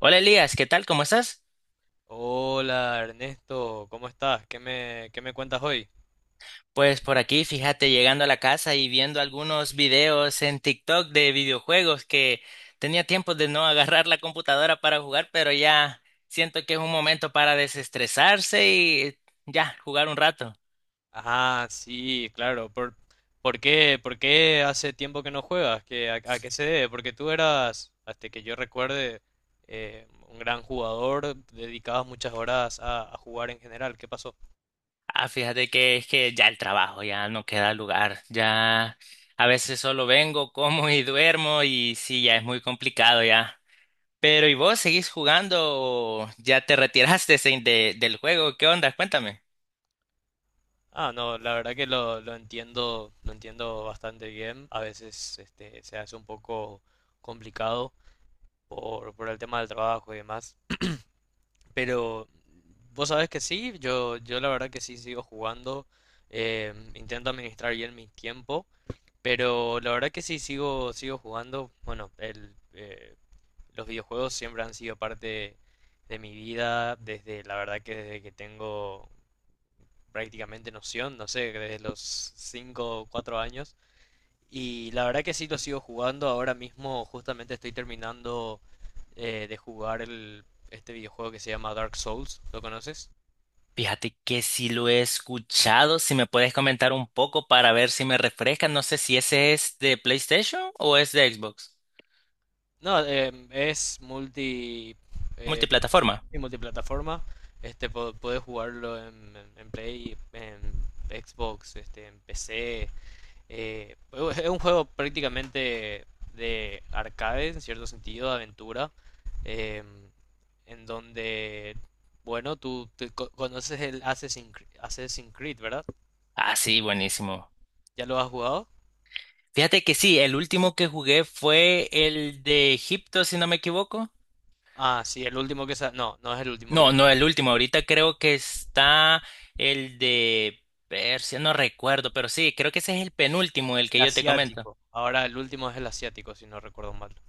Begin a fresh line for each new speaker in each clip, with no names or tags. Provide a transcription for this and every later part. Hola Elías, ¿qué tal? ¿Cómo estás?
Hola Ernesto, ¿cómo estás? ¿Qué me cuentas hoy?
Pues por aquí, fíjate, llegando a la casa y viendo algunos videos en TikTok de videojuegos que tenía tiempo de no agarrar la computadora para jugar, pero ya siento que es un momento para desestresarse y ya jugar un rato.
Ah, sí, claro. ¿Por qué hace tiempo que no juegas? ¿A qué se debe? Porque tú eras, hasta que yo recuerde, un gran jugador, dedicabas muchas horas a jugar en general. ¿Qué pasó?
Ah, fíjate que es que ya el trabajo, ya no queda lugar, ya a veces solo vengo, como y duermo y sí, ya es muy complicado ya. Pero ¿y vos seguís jugando o ya te retiraste del juego? ¿Qué onda? Cuéntame.
Ah, no, la verdad que lo entiendo, lo entiendo bastante bien. A veces este, se hace un poco complicado por el tema del trabajo y demás. Pero vos sabés que sí, yo la verdad que sí sigo jugando, intento administrar bien mi tiempo, pero la verdad que sí sigo jugando. Bueno, los videojuegos siempre han sido parte de mi vida, desde la verdad que desde que tengo prácticamente noción, no sé, desde los 5 o 4 años. Y la verdad que sí lo sigo jugando, ahora mismo justamente estoy terminando de jugar este videojuego que se llama Dark Souls, ¿lo conoces?
Fíjate que si lo he escuchado, si me puedes comentar un poco para ver si me refresca, no sé si ese es de PlayStation o es de Xbox.
No, es
Multiplataforma.
y multiplataforma. Este, podés jugarlo en, en Play, en Xbox, este, en PC. Es un juego prácticamente de arcade, en cierto sentido, de aventura. em, en donde, bueno, tú te conoces el Assassin's Creed, ¿verdad?
Ah, sí, buenísimo.
¿Ya lo has jugado?
Fíjate que sí, el último que jugué fue el de Egipto, si no me equivoco.
Ah, sí, el último que no, no es el último que.
No, no, el último. Ahorita creo que está el de Persia, no recuerdo, pero sí, creo que ese es el penúltimo, el
El
que yo te comento.
asiático. Ahora el último es el asiático, si no recuerdo mal.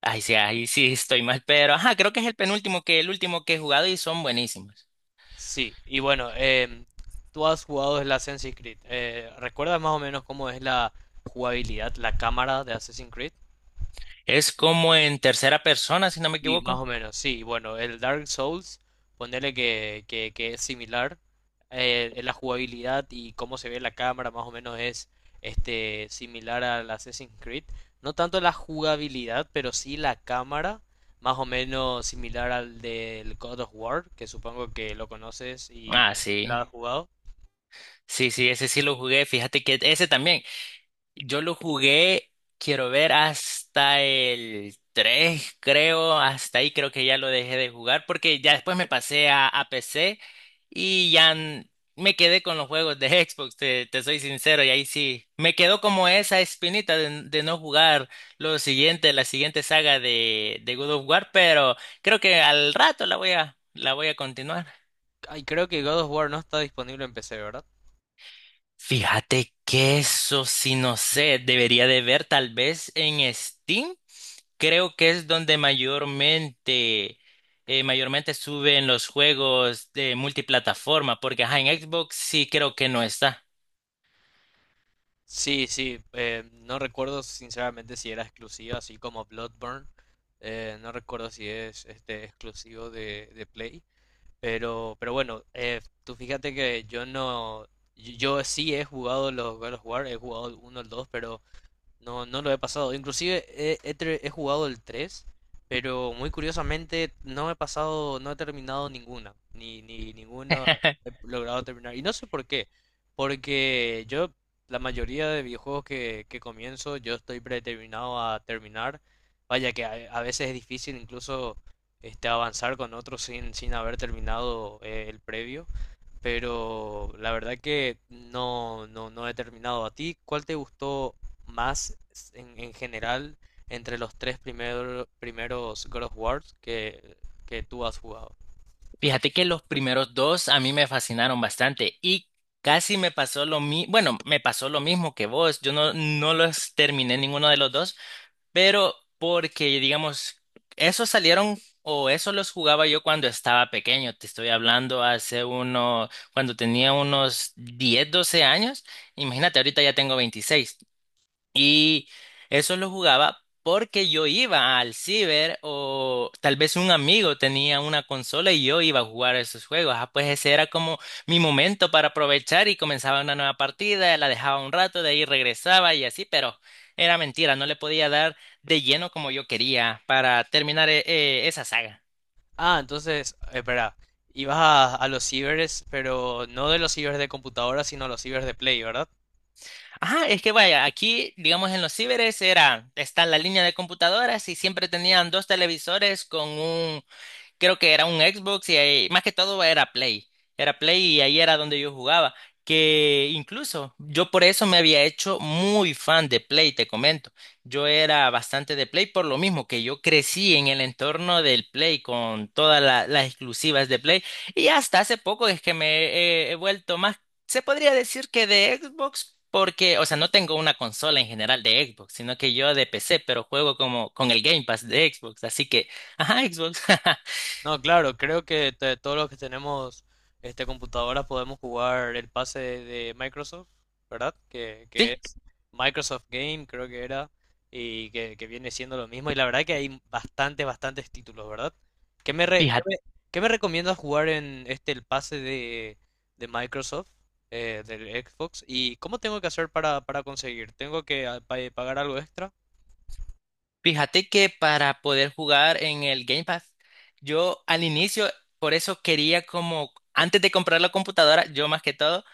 Ay, sí, ahí sí estoy mal, pero ajá, creo que es el penúltimo que el último que he jugado y son buenísimos.
Sí, y bueno, tú has jugado el Assassin's Creed. ¿Recuerdas más o menos cómo es la jugabilidad, la cámara de Assassin's Creed?
Es como en tercera persona, si no me
Y más
equivoco.
o menos, sí, bueno, el Dark Souls, ponerle que es similar. La jugabilidad y cómo se ve la cámara más o menos es este, similar al Assassin's Creed. No tanto la jugabilidad, pero sí la cámara, más o menos similar al del God of War, que supongo que lo conoces y
Ah,
no sé si la
sí.
has jugado.
Sí, sí, ese sí lo jugué. Fíjate que ese también. Yo lo jugué, quiero ver, hasta el 3, creo, hasta ahí creo que ya lo dejé de jugar porque ya después me pasé a, PC y ya me quedé con los juegos de Xbox, te soy sincero, y ahí sí, me quedó como esa espinita de, de no jugar lo siguiente, la siguiente saga de God of War, pero creo que al rato la voy a continuar.
Ay, creo que God of War no está disponible en PC, ¿verdad?
Fíjate que eso sí no sé, debería de ver tal vez en Steam. Creo que es donde mayormente, mayormente suben los juegos de multiplataforma, porque ajá, en Xbox sí creo que no está.
Sí, sí, no recuerdo sinceramente si era exclusivo, así como Bloodborne. No recuerdo si es este exclusivo de Play. Pero bueno, tú fíjate que yo no. Yo sí he jugado los God of War, he jugado el 1, el 2, pero no, no lo he pasado. Inclusive he jugado el tres, pero muy curiosamente no he pasado, no he terminado ninguna, ni ninguna he logrado terminar. Y no sé por qué, porque yo, la mayoría de videojuegos que comienzo, yo estoy predeterminado a terminar. Vaya que a veces es difícil incluso este, avanzar con otros sin haber terminado el previo, pero la verdad que no, no he terminado. ¿A ti cuál te gustó más en general entre los tres primeros God of Wars que tú has jugado?
Fíjate que los primeros dos a mí me fascinaron bastante y casi me pasó lo mismo, bueno, me pasó lo mismo que vos, yo no los terminé ninguno de los dos. Pero porque, digamos, esos salieron o esos los jugaba yo cuando estaba pequeño. Te estoy hablando hace uno, cuando tenía unos 10 12 años. Imagínate, ahorita ya tengo 26 y eso lo jugaba porque yo iba al ciber o tal vez un amigo tenía una consola y yo iba a jugar esos juegos. Ah, pues ese era como mi momento para aprovechar y comenzaba una nueva partida, la dejaba un rato, de ahí regresaba y así, pero era mentira, no le podía dar de lleno como yo quería para terminar esa saga.
Ah, entonces, espera, ibas a los cibers, pero no de los cibers de computadora, sino a los cibers de Play, ¿verdad?
Ajá, es que vaya, aquí, digamos, en los ciberes era, está la línea de computadoras y siempre tenían dos televisores con un creo que era un Xbox y ahí- más que todo era Play. Era Play y ahí era donde yo jugaba. Que incluso yo por eso me había hecho muy fan de Play, te comento. Yo era bastante de Play por lo mismo que yo crecí en el entorno del Play con todas las exclusivas de Play. Y hasta hace poco es que me he vuelto más, se podría decir que de Xbox. Porque, o sea, no tengo una consola en general de Xbox, sino que yo de PC, pero juego como con el Game Pass de Xbox, así que, ajá, Xbox.
No, claro, creo que todos los que tenemos este computadoras podemos jugar el pase de Microsoft, ¿verdad? Que,
Sí,
que es Microsoft Game, creo que era, y que viene siendo lo mismo. Y la verdad que hay bastantes títulos, ¿verdad? ¿Qué me, re-
fíjate,
qué me recomiendas jugar en este el pase de Microsoft, del Xbox? ¿Y cómo tengo que hacer para conseguir? ¿Tengo que pagar algo extra?
fíjate que para poder jugar en el Game Pass, yo al inicio, por eso quería como, antes de comprar la computadora, yo más que todo,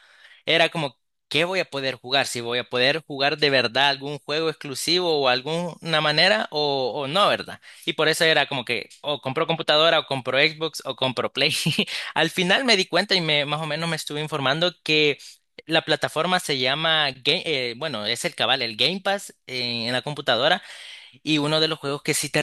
era como, ¿qué voy a poder jugar? Si voy a poder jugar de verdad algún juego exclusivo o alguna manera o no, ¿verdad? Y por eso era como que, o compro computadora o compro Xbox o compro Play. Al final me di cuenta y me, más o menos me estuve informando que. La plataforma se llama, bueno, es el cabal, el Game Pass en la computadora. Y uno de los juegos que sí te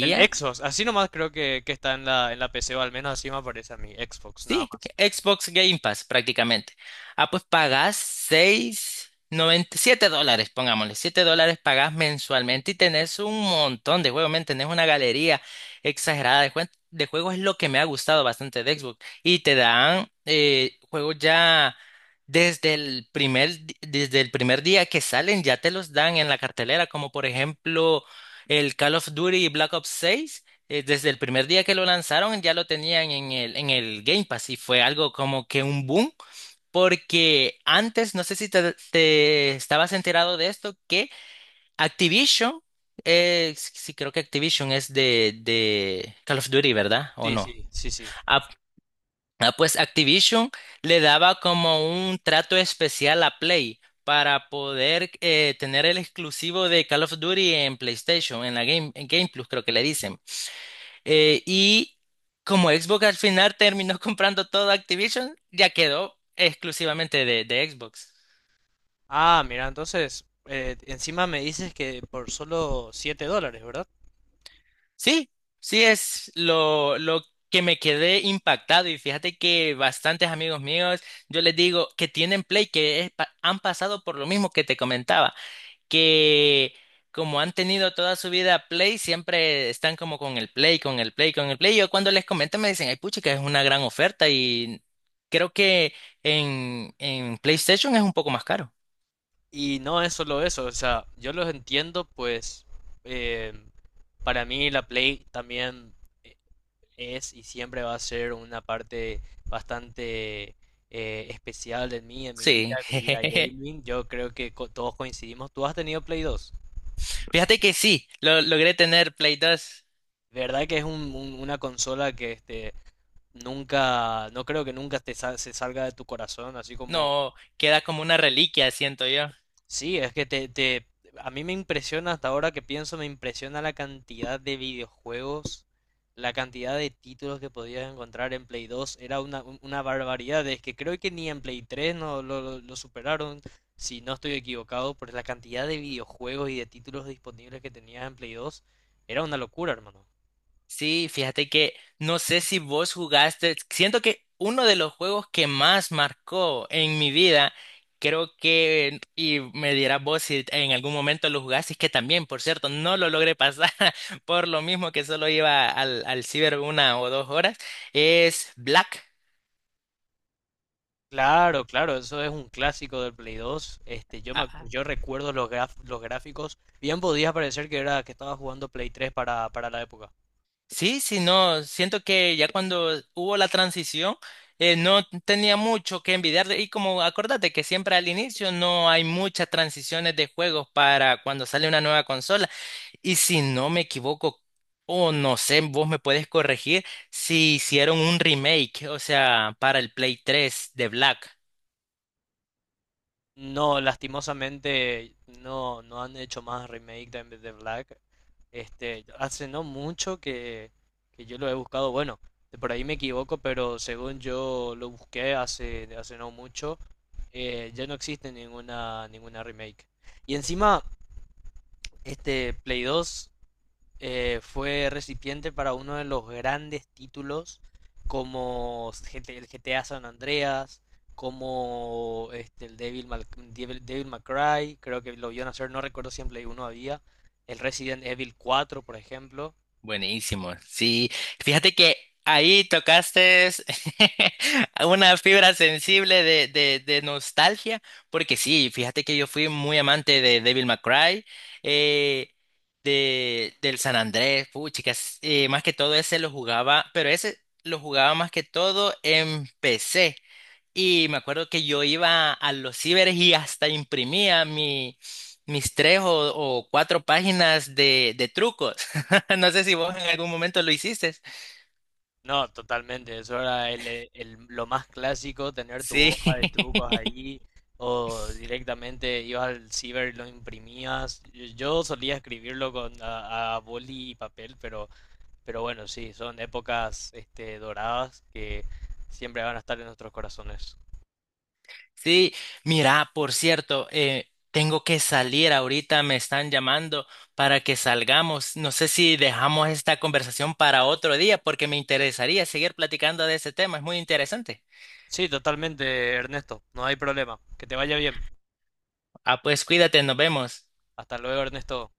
El Xbox, así nomás creo que está en la PC, o al menos así me aparece a mí, Xbox, nada
sí,
más.
Xbox Game Pass prácticamente. Ah, pues pagás seis noventa siete dólares, pongámosle, 7 dólares pagás mensualmente y tenés un montón de juegos, men, tenés una galería exagerada de, de juegos, es lo que me ha gustado bastante de Xbox. Y te dan juegos ya desde el primer, desde el primer día que salen, ya te los dan en la cartelera, como por ejemplo el Call of Duty Black Ops seis desde el primer día que lo lanzaron ya lo tenían en el Game Pass y fue algo como que un boom, porque antes, no sé si te estabas enterado de esto, que Activision, sí sí creo que Activision es de Call of Duty, ¿verdad? ¿O
Sí,
no?
sí, sí, sí.
Ah, ah, pues Activision le daba como un trato especial a Play, para poder tener el exclusivo de Call of Duty en PlayStation, en la en Game Plus creo que le dicen. Y como Xbox al final terminó comprando todo Activision, ya quedó exclusivamente de Xbox.
Ah, mira, entonces, encima me dices que por solo siete dólares, ¿verdad?
Sí, sí es lo que me quedé impactado y fíjate que bastantes amigos míos, yo les digo que tienen Play, que es han pasado por lo mismo que te comentaba, que como han tenido toda su vida Play, siempre están como con el Play, con el Play, con el Play. Yo cuando les comento me dicen, ay, pucha, que es una gran oferta y creo que en PlayStation es un poco más caro.
Y no es solo eso, o sea, yo los entiendo, pues, eh, para mí la Play también eh, es y siempre va a ser una parte bastante especial de mí,
Sí,
en mi vida de gaming. Yo creo que todos coincidimos. ¿Tú has tenido Play 2?
fíjate que sí, logré tener Play dos.
De verdad que es una consola que este, nunca, no creo que nunca te se salga de tu corazón, así como,
No, queda como una reliquia, siento yo.
sí, es que a mí me impresiona hasta ahora que pienso, me impresiona la cantidad de videojuegos, la cantidad de títulos que podías encontrar en Play 2, era una, una barbaridad, es que creo que ni en Play 3 no lo, lo superaron, si no estoy equivocado, por la cantidad de videojuegos y de títulos disponibles que tenías en Play 2, era una locura, hermano.
Sí, fíjate que no sé si vos jugaste, siento que uno de los juegos que más marcó en mi vida, creo que, y me dirás vos si en algún momento lo jugaste, es que también, por cierto, no lo logré pasar por lo mismo que solo iba al ciber una o dos horas, es Black.
Claro, claro, eso es un clásico del Play 2. Este, yo me yo recuerdo los los gráficos. Bien podía parecer que era que estaba jugando Play 3 para la época.
Sí, sí, no, siento que ya cuando hubo la transición, no tenía mucho que envidiarle. Y como acordate que siempre al inicio no hay muchas transiciones de juegos para cuando sale una nueva consola. Y si no me equivoco, o no sé, vos me puedes corregir, si hicieron un remake, o sea, para el Play 3 de Black.
No, lastimosamente no, no han hecho más remake de Black. Este, hace no mucho que yo lo he buscado. Bueno, de por ahí me equivoco, pero según yo lo busqué hace, hace no mucho, ya no existe ninguna, ninguna remake. Y encima, este Play 2. Fue recipiente para uno de los grandes títulos como GT el GTA San Andreas, como este, el Devil May Cry, creo que lo vio nacer, no recuerdo si en Play 1 había, el Resident Evil 4 por ejemplo.
Buenísimo. Sí, fíjate que ahí tocaste una fibra sensible de, de nostalgia, porque sí, fíjate que yo fui muy amante de Devil May Cry, eh, de, del San Andrés, puh, chicas, más que todo ese lo jugaba, pero ese lo jugaba más que todo en PC. Y me acuerdo que yo iba a los ciberes y hasta imprimía mi, mis tres o cuatro páginas de trucos. No sé si vos en algún momento lo hiciste.
No, totalmente, eso era lo más clásico, tener tu
Sí,
hoja de trucos allí, o directamente ibas al ciber y lo imprimías. Yo solía escribirlo con, a boli y papel, pero... Pero bueno, sí, son épocas este, doradas que siempre van a estar en nuestros corazones.
sí. Mira, por cierto, tengo que salir ahorita, me están llamando para que salgamos. No sé si dejamos esta conversación para otro día porque me interesaría seguir platicando de ese tema, es muy interesante.
Sí, totalmente, Ernesto. No hay problema. Que te vaya bien.
Ah, pues cuídate, nos vemos.
Hasta luego, Ernesto.